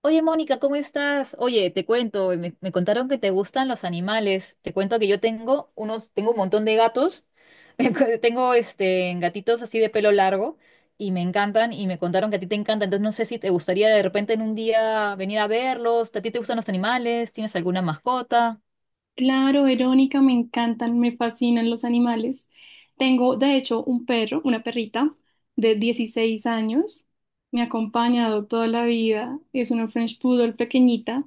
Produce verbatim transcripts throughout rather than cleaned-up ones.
Oye, Mónica, ¿cómo estás? Oye, te cuento, me, me contaron que te gustan los animales. Te cuento que yo tengo unos, tengo un montón de gatos. Tengo este gatitos así de pelo largo y me encantan y me contaron que a ti te encanta. Entonces no sé si te gustaría de repente en un día venir a verlos. ¿A ti te gustan los animales? ¿Tienes alguna mascota? Claro, Verónica, me encantan, me fascinan los animales. Tengo, de hecho, un perro, una perrita de dieciséis años. Me ha acompañado toda la vida. Es una French Poodle pequeñita,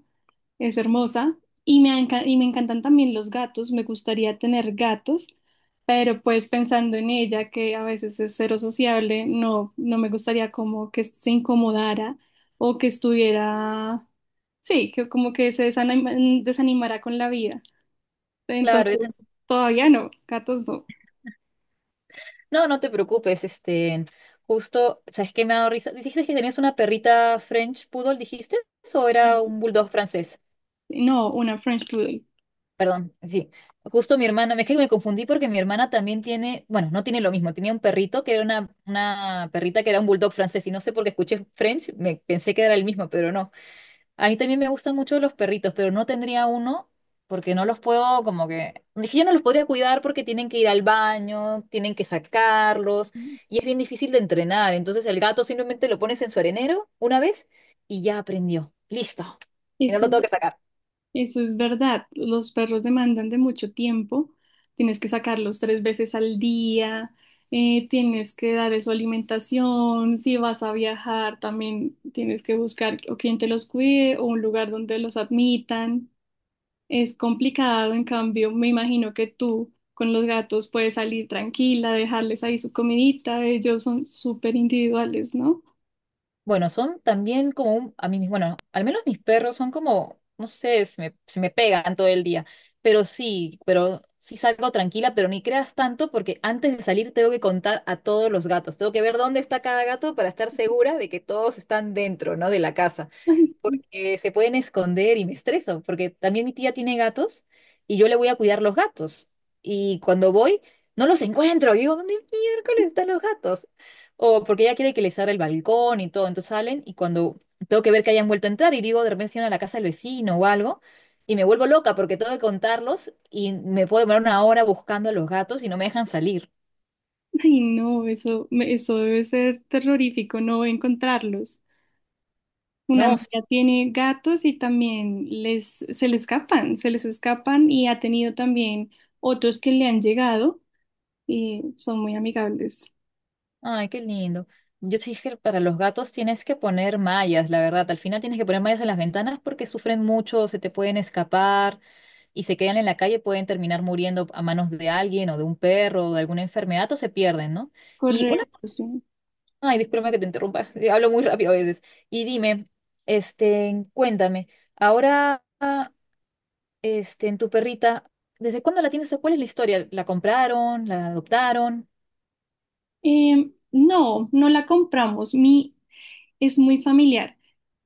es hermosa. Y me, enca- y me encantan también los gatos. Me gustaría tener gatos, pero pues pensando en ella, que a veces es cero sociable, no, no me gustaría como que se incomodara o que estuviera, sí, que como que se desanima- desanimara con la vida. Claro, yo te- Entonces, todavía no, gatos no. No, no te preocupes, este, justo, ¿sabes qué me ha dado risa? ¿Dijiste que tenías una perrita French Poodle, dijiste? ¿O era Y- un bulldog francés? No, una French Poodle. Perdón, sí. Justo mi hermana, es que me confundí porque mi hermana también tiene, bueno, no tiene lo mismo, tenía un perrito que era una, una perrita que era un bulldog francés y no sé por qué escuché French, me pensé que era el mismo, pero no. A mí también me gustan mucho los perritos, pero no tendría uno porque no los puedo como que, es que yo no los podría cuidar porque tienen que ir al baño, tienen que sacarlos y es bien difícil de entrenar. Entonces el gato simplemente lo pones en su arenero una vez y ya aprendió. Listo. Y no lo Eso, tengo que sacar. eso es verdad. Los perros demandan de mucho tiempo. Tienes que sacarlos tres veces al día. eh, tienes que dar su alimentación. Si vas a viajar, también tienes que buscar o quien te los cuide o un lugar donde los admitan. Es complicado, en cambio, me imagino que tú con los gatos puedes salir tranquila, dejarles ahí su comidita. Ellos son súper individuales, ¿no? Bueno, son también como un- a mí mis- bueno, al menos mis perros son como, no sé, se me, se me pegan todo el día, pero sí, pero sí salgo tranquila, pero ni creas tanto porque antes de salir tengo que contar a todos los gatos, tengo que ver dónde está cada gato para estar segura de que todos están dentro, ¿no? De la casa Ay, porque se pueden esconder y me estreso, porque también mi tía tiene gatos y yo le voy a cuidar los gatos. Y cuando voy, no los encuentro. Y digo, ¿dónde miércoles están los gatos? O porque ella quiere que les abra el balcón y todo. Entonces salen y cuando tengo que ver que hayan vuelto a entrar y digo, de repente se iban a la casa del vecino o algo. Y me vuelvo loca porque tengo que contarlos y me puedo demorar una hora buscando a los gatos y no me dejan salir. ay, no, eso, me- eso debe ser terrorífico, no encontrarlos. Una No, amiga tiene gatos y también les, se les escapan, se les escapan y ha tenido también otros que le han llegado y son muy amigables. ay, qué lindo. Yo sí dije, que para los gatos tienes que poner mallas, la verdad. Al final tienes que poner mallas en las ventanas porque sufren mucho, se te pueden escapar y se quedan en la calle, pueden terminar muriendo a manos de alguien o de un perro o de alguna enfermedad o se pierden, ¿no? Y una... Correcto, sí. Ay, discúlpame que te interrumpa, hablo muy rápido a veces. Y dime, este, cuéntame, ahora, este, en tu perrita, ¿desde cuándo la tienes o cuál es la historia? ¿La compraron? ¿La adoptaron? Eh, no, no la compramos. Mi, es muy familiar.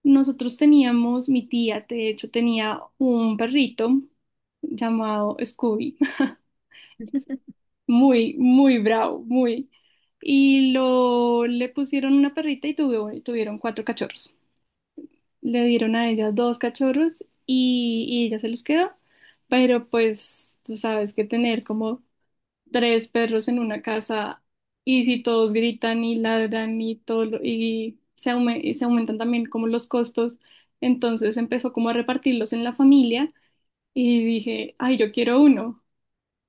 Nosotros teníamos, mi tía, de hecho, tenía un perrito llamado Scooby. Muy, muy bravo, muy. Y lo le pusieron una perrita y tuvo- tuvieron cuatro cachorros. Le dieron a ella dos cachorros y, y ella se los quedó. Pero pues tú sabes que tener como tres perros en una casa y si todos gritan y ladran y todo lo- y se, aume- y se aumentan también como los costos, entonces empezó como a repartirlos en la familia y dije, ay, yo quiero uno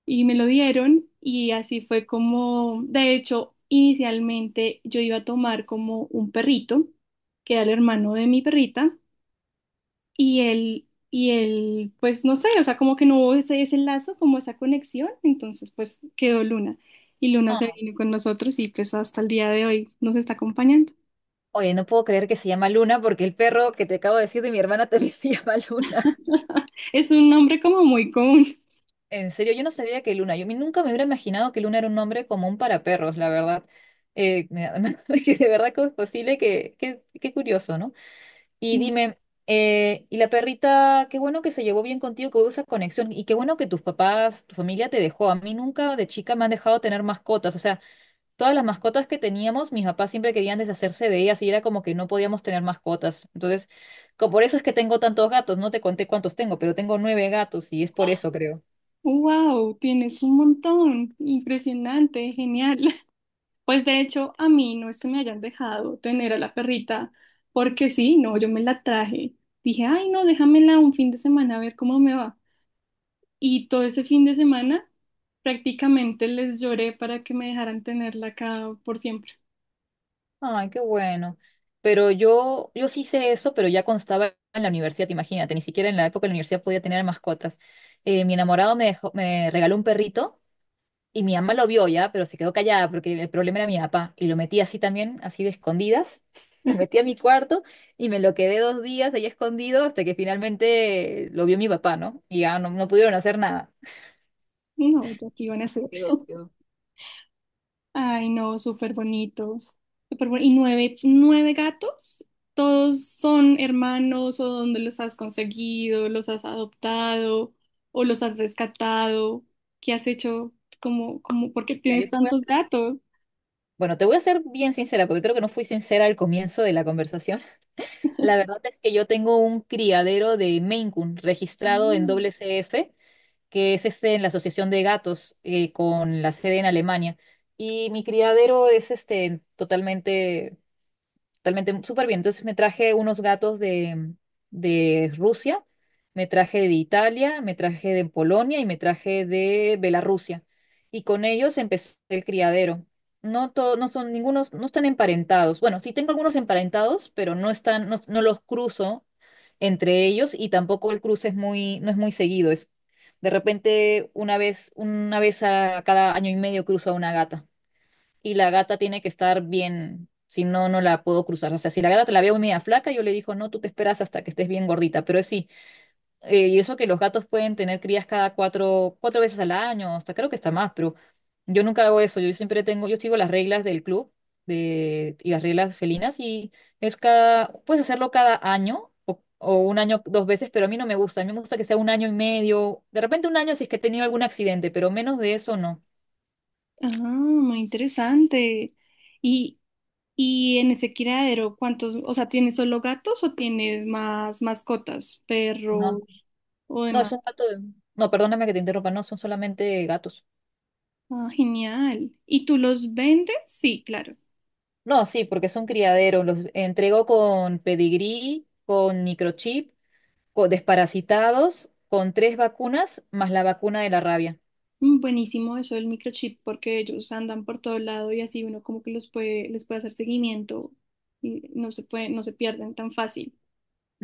y me lo dieron y así fue como, de hecho, inicialmente yo iba a tomar como un perrito, que era el hermano de mi perrita, y él, y él, pues no sé, o sea, como que no hubo ese, ese lazo, como esa conexión, entonces pues quedó Luna. Y Luna se vino con nosotros y pues hasta el día de hoy nos está acompañando. Oye, no puedo creer que se llama Luna porque el perro que te acabo de decir de mi hermana también se llama Luna. Es un nombre como muy común. En serio, yo no sabía que Luna, yo mi- nunca me hubiera imaginado que Luna era un nombre común para perros, la verdad. Eh, me- que de verdad que es posible, que, que- qué curioso, ¿no? Y dime, eh, y la perrita, qué bueno que se llevó bien contigo, que hubo esa conexión, y qué bueno que tus papás, tu familia te dejó. A mí nunca de chica me han dejado tener mascotas, o sea. Todas las mascotas que teníamos, mis papás siempre querían deshacerse de ellas y era como que no podíamos tener mascotas. Entonces, co- por eso es que tengo tantos gatos. No te conté cuántos tengo, pero tengo nueve gatos y es por eso, creo. Wow, tienes un montón. Impresionante, genial. Pues de hecho, a mí no es que me hayan dejado tener a la perrita, porque sí, no, yo me la traje. Dije, ay, no, déjamela un fin de semana a ver cómo me va. Y todo ese fin de semana prácticamente les lloré para que me dejaran tenerla acá por siempre. Ay, qué bueno. Pero yo, yo sí hice eso, pero ya cuando estaba en la universidad, imagínate, ni siquiera en la época de la universidad podía tener mascotas. Eh, mi enamorado me dejó- me regaló un perrito. Y mi mamá lo vio ya, pero se quedó callada porque el problema era mi papá. Y lo metí así también, así de escondidas. Me metí a mi cuarto y me lo quedé dos días ahí escondido hasta que finalmente lo vio mi papá, ¿no? Y ya no, no pudieron hacer nada. Y No, ya que iban a Se hacer. quedó, se quedó. Ay, no, súper bonitos. Súper boni- Y nueve, nueve gatos, todos son hermanos o dónde los has conseguido, los has adoptado o los has rescatado. ¿Qué has hecho? ¿Cómo, cómo, por qué Mira, yo tienes te voy a tantos hacer... gatos? Bueno, te voy a ser bien sincera porque creo que no fui sincera al comienzo de la conversación. La verdad es que yo tengo un criadero de Maine Coon Ah, registrado en W C F que es este, en la Asociación de Gatos, eh, con la sede en Alemania. Y mi criadero es este, totalmente. Totalmente súper bien. Entonces me traje unos gatos de, de Rusia, me traje de Italia, me traje de Polonia y me traje de Bielorrusia. Y con ellos empecé el criadero. No to- no son ningunos, no están emparentados. Bueno, sí tengo algunos emparentados, pero no están, no, no los cruzo entre ellos y tampoco el cruce es muy, no es muy seguido. Es de repente una vez, una vez a cada año y medio cruzo a una gata y la gata tiene que estar bien, si no, no la puedo cruzar. O sea, si la gata te la veo media flaca, yo le digo, no, tú te esperas hasta que estés bien gordita, pero es sí, eh, y eso que los gatos pueden tener crías cada cuatro, cuatro veces al año, hasta creo que está más, pero yo nunca hago eso, yo siempre tengo, yo sigo las reglas del club de, y las reglas felinas y es cada, puedes hacerlo cada año. O o un año dos veces, pero a mí no me gusta. A mí me gusta que sea un año y medio. De repente un año si es que he tenido algún accidente, pero menos de eso no. ah, muy interesante. Y, y en ese criadero, ¿cuántos? O sea, ¿tienes solo gatos o tienes más mascotas, No, perros o no, demás? es un gato de... No, perdóname que te interrumpa, no, son solamente gatos. Ah, genial. ¿Y tú los vendes? Sí, claro. No, sí, porque son criaderos, los entrego con pedigrí, con microchip, con desparasitados, con tres vacunas, más la vacuna de la rabia. Mm, buenísimo eso del microchip porque ellos andan por todo lado y así uno como que los puede, les puede hacer seguimiento y no se puede, no se pierden tan fácil.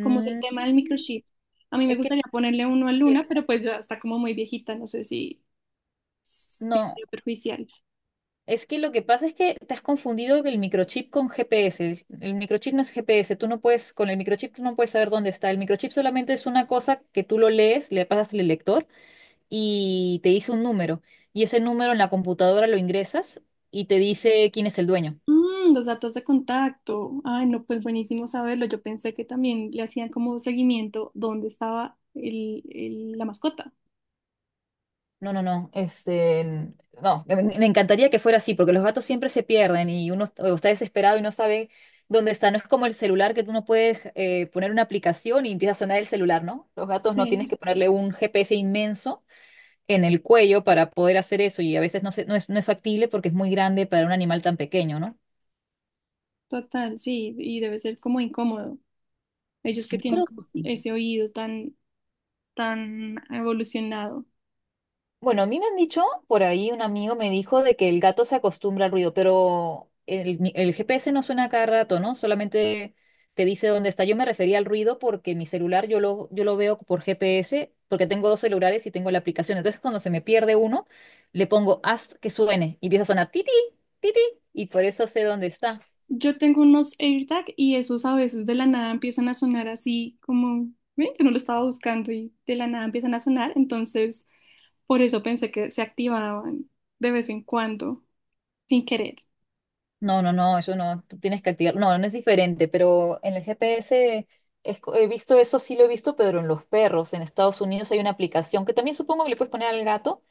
Como es el tema del microchip, a mí me es que... gustaría ponerle uno a Luna, pero pues ya está como muy viejita, no sé si, si No, sería perjudicial. es que lo que pasa es que te has confundido el microchip con G P S. El microchip no es G P S, tú no puedes, con el microchip tú no puedes saber dónde está. El microchip solamente es una cosa que tú lo lees, le pasas el lector y te dice un número. Y ese número en la computadora lo ingresas y te dice quién es el dueño. Mm, los datos de contacto. Ay, no, pues buenísimo saberlo. Yo pensé que también le hacían como seguimiento dónde estaba el- el- la mascota. No, no, no. Este, no, me, me encantaría que fuera así, porque los gatos siempre se pierden y uno est- o está desesperado y no sabe dónde está. No es como el celular que tú no puedes eh, poner una aplicación y empieza a sonar el celular, ¿no? Los gatos no tienes Sí, que ponerle un G P S inmenso en el cuello para poder hacer eso y a veces no se- no es, no es factible porque es muy grande para un animal tan pequeño, ¿no? total, sí, y debe ser como incómodo, ellos que Yo tienen creo que como sí. ese oído tan, tan evolucionado. Bueno, a mí me han dicho, por ahí un amigo me dijo de que el gato se acostumbra al ruido, pero el, mi- el G P S no suena a cada rato, ¿no? Solamente te dice dónde está. Yo me refería al ruido porque mi celular yo lo, yo lo veo por G P S, porque tengo dos celulares y tengo la aplicación. Entonces, cuando se me pierde uno, le pongo haz que suene y empieza a sonar titi, titi, y por eso sé dónde está. Yo tengo unos AirTag y esos a veces de la nada empiezan a sonar así como, "Ve, yo no lo estaba buscando y de la nada empiezan a sonar, entonces por eso pensé que se activaban de vez en cuando, sin querer. No, no, no, eso no, tú tienes que activar. No, no es diferente, pero en el G P S es co- he visto eso, sí lo he visto, pero en los perros, en Estados Unidos hay una aplicación que también supongo que le puedes poner al gato,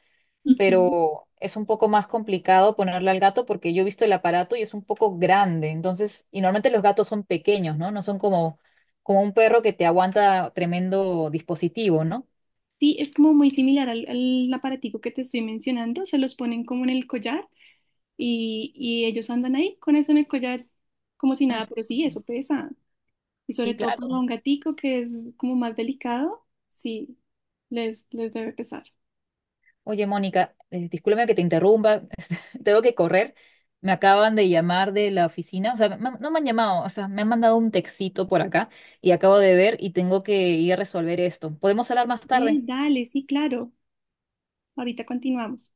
pero es un poco más complicado ponerle al gato porque yo he visto el aparato y es un poco grande. Entonces, y normalmente los gatos son pequeños, ¿no? No son como, como un perro que te aguanta tremendo dispositivo, ¿no? Sí, es como muy similar al, al aparatico que te estoy mencionando, se los ponen como en el collar y, y ellos andan ahí con eso en el collar como si Ah, nada, pero sí, eso pesa. Y sobre sí, todo para claro. un gatico que es como más delicado, sí, les, les debe pesar. Oye, Mónica, eh, discúlpame que te interrumpa, este, tengo que correr. Me acaban de llamar de la oficina, o sea, me han- no me han llamado, o sea, me han mandado un textito por acá y acabo de ver y tengo que ir a resolver esto. ¿Podemos hablar más Ve, tarde? dale, sí, claro. Ahorita continuamos.